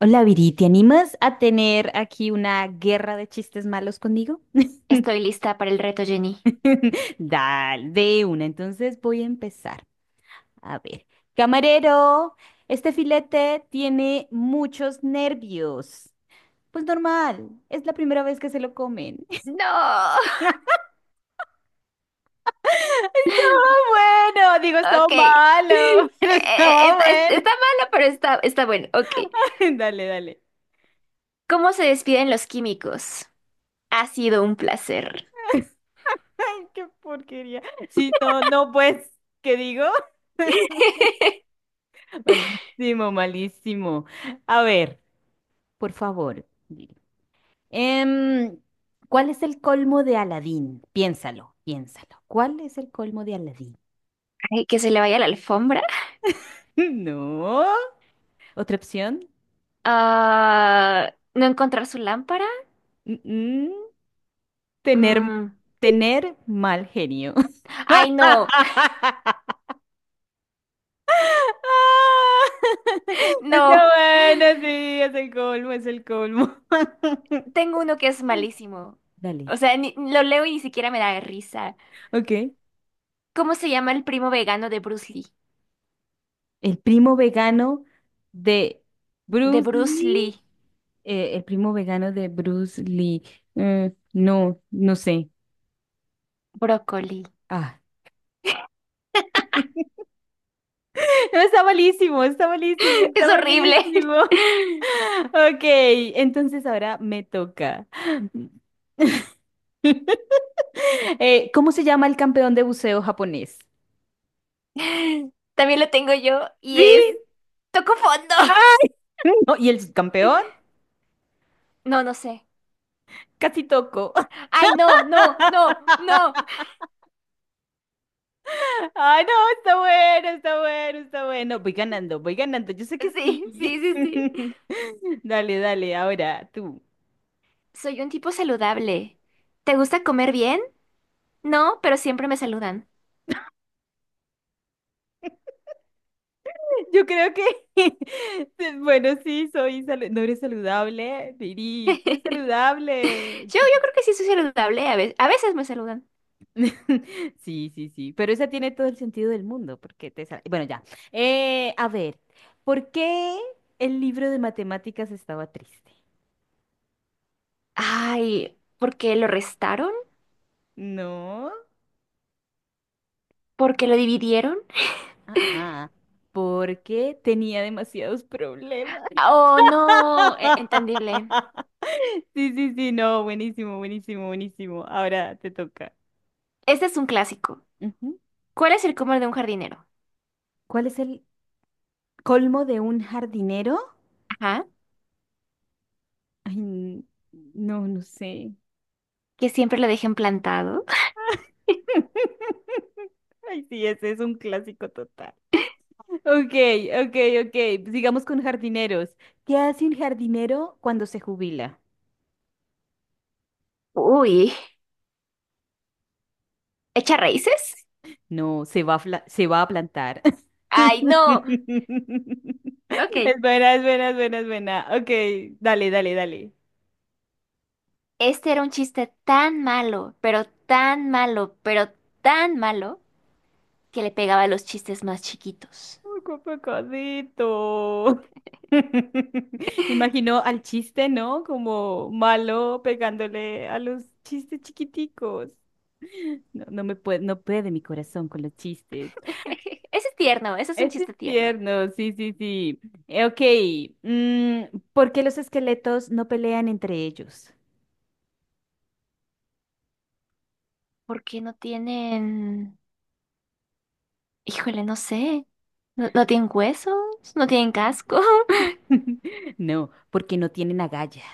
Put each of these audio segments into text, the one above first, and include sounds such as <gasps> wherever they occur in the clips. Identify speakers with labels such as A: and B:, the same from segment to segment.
A: Hola Viri, ¿te animas a tener aquí una guerra de chistes malos conmigo?
B: Estoy lista para el reto, Jenny.
A: <laughs> Dale, de una. Entonces voy a empezar. A ver, camarero, este filete tiene muchos nervios. Pues normal, es la primera vez que se lo comen.
B: No.
A: <laughs> Estaba
B: <laughs>
A: bueno, digo, estaba
B: Ok.
A: malo, <laughs> pero estaba
B: Está,
A: bueno.
B: está malo, pero está, está bueno. Ok.
A: <laughs> Dale, dale.
B: ¿Cómo se despiden los químicos? Ha sido un placer.
A: <laughs> Ay, qué porquería. Sí, no, no, pues, ¿qué digo? <laughs>
B: <laughs>
A: Malísimo, malísimo. A ver, por favor, dime. Em, ¿Cuál es el colmo de Aladín? Piénsalo, piénsalo. ¿Cuál es el colmo de Aladín?
B: Ay, que se le vaya la alfombra.
A: <laughs> No. ¿Otra opción?
B: Ah, ¿no encontrar su lámpara?
A: Mm, mm, Tener,
B: Mm.
A: tener mal genio.
B: Ay, no,
A: <laughs>
B: no.
A: Está bueno, sí, es el colmo, es el colmo. <laughs>
B: Tengo uno que es malísimo.
A: Dale.
B: O sea, lo leo y ni siquiera me da risa.
A: Ok.
B: ¿Cómo se llama el primo vegano de Bruce Lee?
A: El primo vegano de
B: De
A: Bruce
B: Bruce
A: Lee.
B: Lee.
A: El primo vegano de Bruce Lee. No, no sé.
B: Brócoli.
A: Ah. <laughs> No, está malísimo, está malísimo,
B: Es
A: está
B: horrible.
A: malísimo. <laughs>
B: <laughs>
A: Ok, entonces ahora me toca. <gasps> <laughs> ¿Cómo se llama el campeón de buceo japonés?
B: También lo tengo yo y
A: Sí.
B: es toco fondo. <laughs>
A: ¡Ay! No, ¿y el subcampeón?
B: No, no sé.
A: Casi toco.
B: Ay, no, no, no,
A: <laughs>
B: no.
A: Ay, no, está bueno, está bueno, está bueno. Voy ganando, voy ganando. Yo sé que
B: <laughs> Sí, sí,
A: sí.
B: sí, sí.
A: <laughs> Dale, dale, ahora tú.
B: Soy un tipo saludable. ¿Te gusta comer bien? No, pero siempre me saludan.
A: Yo creo que, <laughs> bueno, sí, soy salu- no eres saludable,
B: <laughs>
A: Viri, tú
B: Yo,
A: eres saludable.
B: yo creo
A: <laughs>
B: que sí soy saludable. A veces me saludan.
A: Sí, sí, sí, pero esa tiene todo el sentido del mundo, porque te... sa- Bueno, ya. A ver, ¿por qué el libro de matemáticas estaba triste?
B: Ay, ¿por qué lo restaron?
A: No,
B: ¿Por qué lo dividieron?
A: ah, ah, porque tenía demasiados problemas.
B: Oh, no, entendible.
A: <laughs> Sí, sí, sí, no, buenísimo, buenísimo, buenísimo. Ahora te toca.
B: Este es un clásico.
A: Ujú.
B: ¿Cuál es el comer de un jardinero?
A: ¿Cuál es el colmo de un jardinero?
B: Ajá.
A: Ay, no, no sé.
B: Que siempre lo dejen plantado.
A: <laughs> Ay, sí, ese es un clásico total. Ok, ok, ok. Sigamos con jardineros. ¿Qué hace un jardinero cuando se jubila?
B: Uy, ¿echa raíces?
A: No, se va a, se va a plantar.
B: Ay, no.
A: <laughs>
B: Ok.
A: Es buena, es buena, es buena, es buena. Ok, dale, dale, dale.
B: Este era un chiste tan malo, pero tan malo, pero tan malo, que le pegaba a los chistes más chiquitos.
A: ¡Qué pecadito! <laughs> Imaginó al chiste, ¿no? Como malo pegándole a los chistes chiquiticos. No puede mi corazón con los chistes.
B: <laughs> Ese es tierno, ese es un
A: Ese es
B: chiste tierno.
A: tierno, sí, sí, sí. Ok, mm, ¿por qué los esqueletos no pelean entre ellos?
B: ¿Por qué no tienen... Híjole, no sé. ¿No, no tienen huesos? ¿No tienen casco? <laughs>
A: <laughs> No, porque no tienen agallas.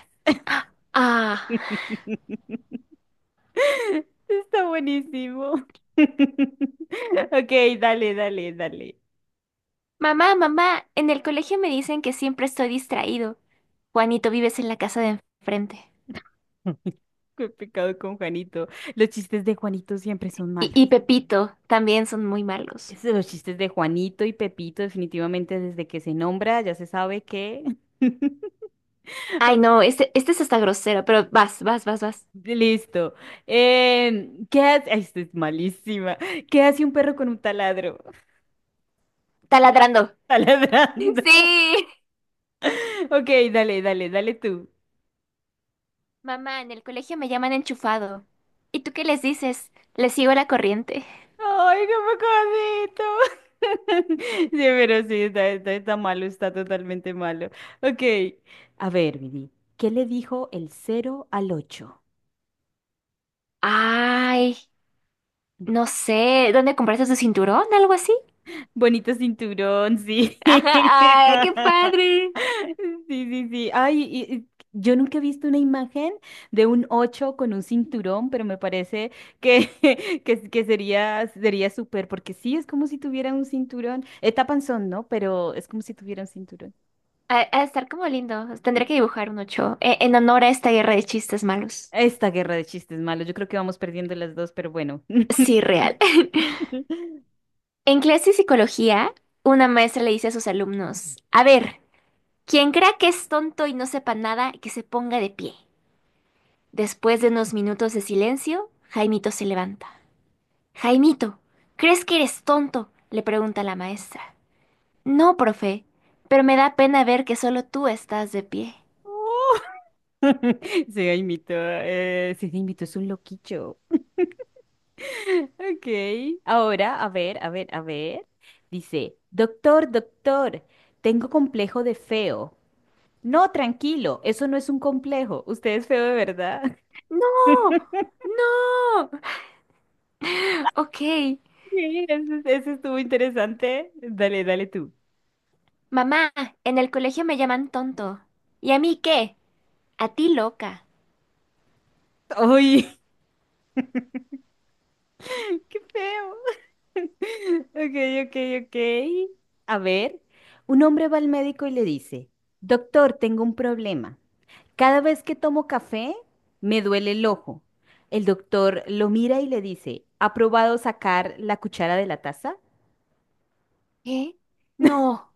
B: Ah.
A: <laughs> Está buenísimo. <laughs> Ok, dale, dale, dale.
B: Mamá, mamá, en el colegio me dicen que siempre estoy distraído. Juanito, vives en la casa de enfrente.
A: Qué pecado con Juanito. Los chistes de Juanito siempre son malos.
B: Y Pepito también son muy malos.
A: Es de los chistes de Juanito y Pepito, definitivamente desde que se nombra, ya se sabe que. <laughs>
B: Ay,
A: Ok,
B: no, este es hasta grosero, pero vas, vas, vas, vas.
A: listo. ¿Qué hace? Ay, esto es malísima. ¿Qué hace un perro con un taladro? <laughs>
B: Taladrando.
A: Taladrando.
B: <laughs>
A: <laughs>
B: Sí.
A: Ok, dale, dale, dale tú.
B: Mamá, en el colegio me llaman enchufado. ¿Y tú qué les dices? Les sigo la corriente.
A: ¡Ay, qué pecadito! <laughs> Sí, pero sí, está malo, está totalmente malo. Ok. A ver, Vidi, ¿qué le dijo el cero al ocho?
B: Ay, no sé, ¿dónde compraste tu cinturón? ¿Algo así?
A: Bonito cinturón, sí.
B: Ajá, ay, qué
A: <laughs>
B: padre.
A: Sí, sí, sí. Ay, y yo nunca he visto una imagen de un ocho con un cinturón, pero me parece que, <laughs> que sería, sería súper, porque sí, es como si tuviera un cinturón. Tapanzón, ¿no? Pero es como si tuviera un cinturón.
B: A estar como lindo. Tendré que dibujar un 8 en honor a esta guerra de chistes malos.
A: Esta guerra de chistes malos, yo creo que vamos perdiendo las dos, pero bueno.
B: Sí,
A: <laughs>
B: real. <laughs> En clase de psicología, una maestra le dice a sus alumnos, a ver. Quien crea que es tonto y no sepa nada, que se ponga de pie. Después de unos minutos de silencio, Jaimito se levanta. Jaimito, ¿crees que eres tonto? Le pregunta la maestra. No, profe, pero me da pena ver que solo tú estás de pie.
A: Se imito, es un loquillo. Ok, ahora, a ver, a ver, a ver. Dice, doctor, doctor, tengo complejo de feo. No, tranquilo, eso no es un complejo. Usted es feo de verdad. <laughs>
B: No, no. Ok.
A: Sí, ese estuvo interesante. Dale, dale tú.
B: Mamá, en el colegio me llaman tonto. ¿Y a mí qué? A ti loca.
A: ¡Ay! <laughs> ¡Qué feo! <laughs> Ok, ok, ok. A ver, un hombre va al médico y le dice, doctor, tengo un problema. Cada vez que tomo café, me duele el ojo. El doctor lo mira y le dice, ¿ha probado sacar la cuchara de la taza?
B: ¿Qué? No.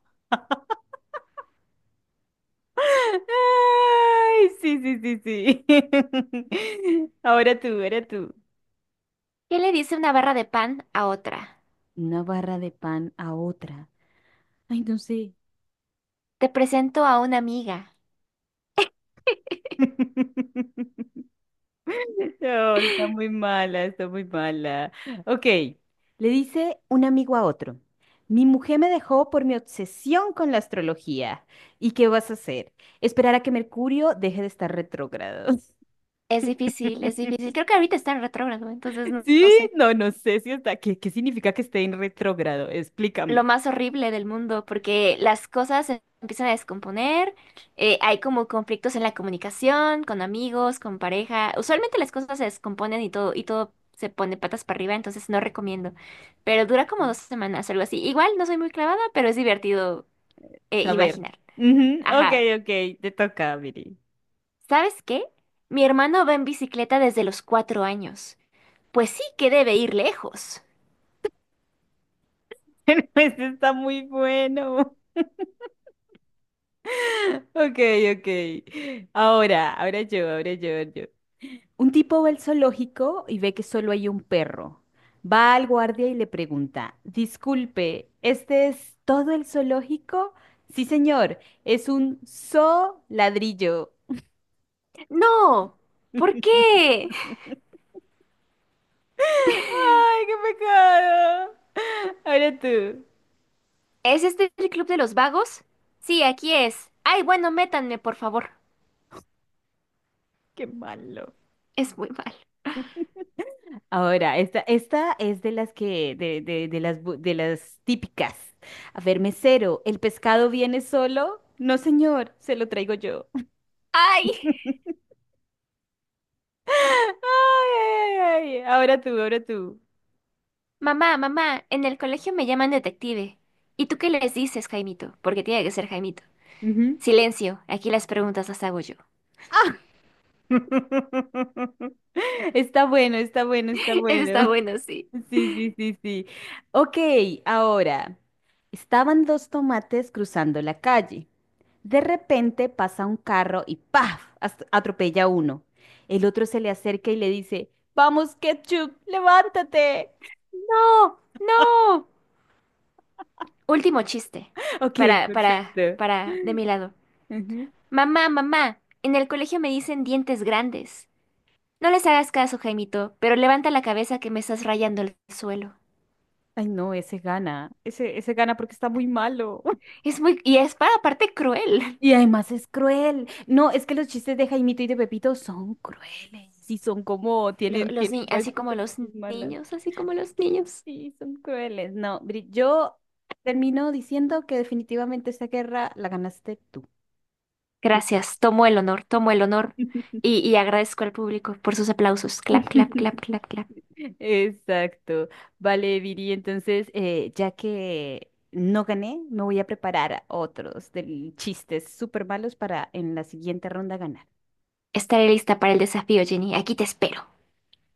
A: <laughs> Ay, sí, sí, sí, sí. <laughs> Ahora tú, ahora tú.
B: ¿Qué le dice una barra de pan a otra?
A: Una barra de pan a otra. Ay, no sé.
B: Te presento a una amiga. <laughs>
A: <laughs> <laughs> No, está muy mala, está muy mala. Ok, le dice un amigo a otro, mi mujer me dejó por mi obsesión con la astrología. ¿Y qué vas a hacer? Esperar a que Mercurio deje de estar retrógrado.
B: Es difícil, es difícil.
A: <laughs>
B: Creo que ahorita está en retrógrado, entonces no,
A: Sí,
B: no sé.
A: no, no sé si está. Qué significa que esté en retrógrado?
B: Lo
A: Explícame.
B: más horrible del mundo, porque las cosas se empiezan a descomponer, hay como conflictos en la comunicación, con amigos, con pareja. Usualmente las cosas se descomponen y todo se pone patas para arriba, entonces no recomiendo. Pero dura como 2 semanas, algo así. Igual no soy muy clavada, pero es divertido
A: Saber.
B: imaginar.
A: Ujú, Ok,
B: Ajá.
A: ok, te toca, Viri.
B: ¿Sabes qué? Mi hermano va en bicicleta desde los 4 años. Pues sí que debe ir lejos.
A: <laughs> Este está muy bueno. <laughs> Ok, ok. Ahora, ahora yo, yo. Un tipo va al zoológico y ve que solo hay un perro. Va al guardia y le pregunta, disculpe, ¿este es todo el zoológico? Sí, señor, es un zoo ladrillo.
B: No, ¿por
A: <laughs>
B: qué?
A: ¡Ay, qué pecado! Ahora tú.
B: ¿Es este el club de los vagos? Sí, aquí es. Ay, bueno, métanme, por favor.
A: ¡Qué malo!
B: Es muy mal.
A: Ahora, esta es de las que, de las, de las típicas. A ver, mesero, ¿el pescado viene solo? No, señor, se lo traigo yo.
B: ¡Ay!
A: Ay, ay, ay. Ahora tú, ahora tú.
B: Mamá, mamá, en el colegio me llaman detective. ¿Y tú qué les dices, Jaimito? Porque tiene que ser Jaimito.
A: Ujú.
B: Silencio, aquí las preguntas las hago yo.
A: <laughs> Ah, está bueno, está bueno, está
B: <laughs> Eso está
A: bueno.
B: bueno, sí.
A: Sí, sí, sí, sí. Ok, ahora. Estaban dos tomates cruzando la calle. De repente pasa un carro y ¡paf! Atropella a uno. El otro se le acerca y le dice, ¡Vamos, Ketchup, levántate!
B: No, no. Último chiste.
A: <laughs> Ok, perfecto.
B: Para, de mi lado.
A: Ujú.
B: Mamá, mamá, en el colegio me dicen dientes grandes. No les hagas caso, Jaimito, pero levanta la cabeza que me estás rayando el suelo.
A: Ay, no, ese gana. Ese gana porque está muy malo.
B: Es muy... Y es para aparte cruel.
A: Y además es cruel. No, es que los chistes de Jaimito y de Pepito son crueles. Y son como,
B: <laughs>
A: tienen,
B: Los ni...
A: tienen varias
B: Así como
A: cosas
B: los
A: malas.
B: niños, así como los niños.
A: Sí, son crueles. No, Bri- Yo termino diciendo que definitivamente esta guerra la ganaste tú.
B: Gracias, tomo el honor, tomo el honor.
A: <laughs>
B: Y agradezco al público por sus aplausos. Clap, clap, clap,
A: <laughs>
B: clap, clap.
A: Exacto. Vale, Viri, entonces, ya que no gané, me voy a preparar otros del chistes súper malos para en la siguiente ronda ganar.
B: Estaré lista para el desafío, Jenny. Aquí te espero.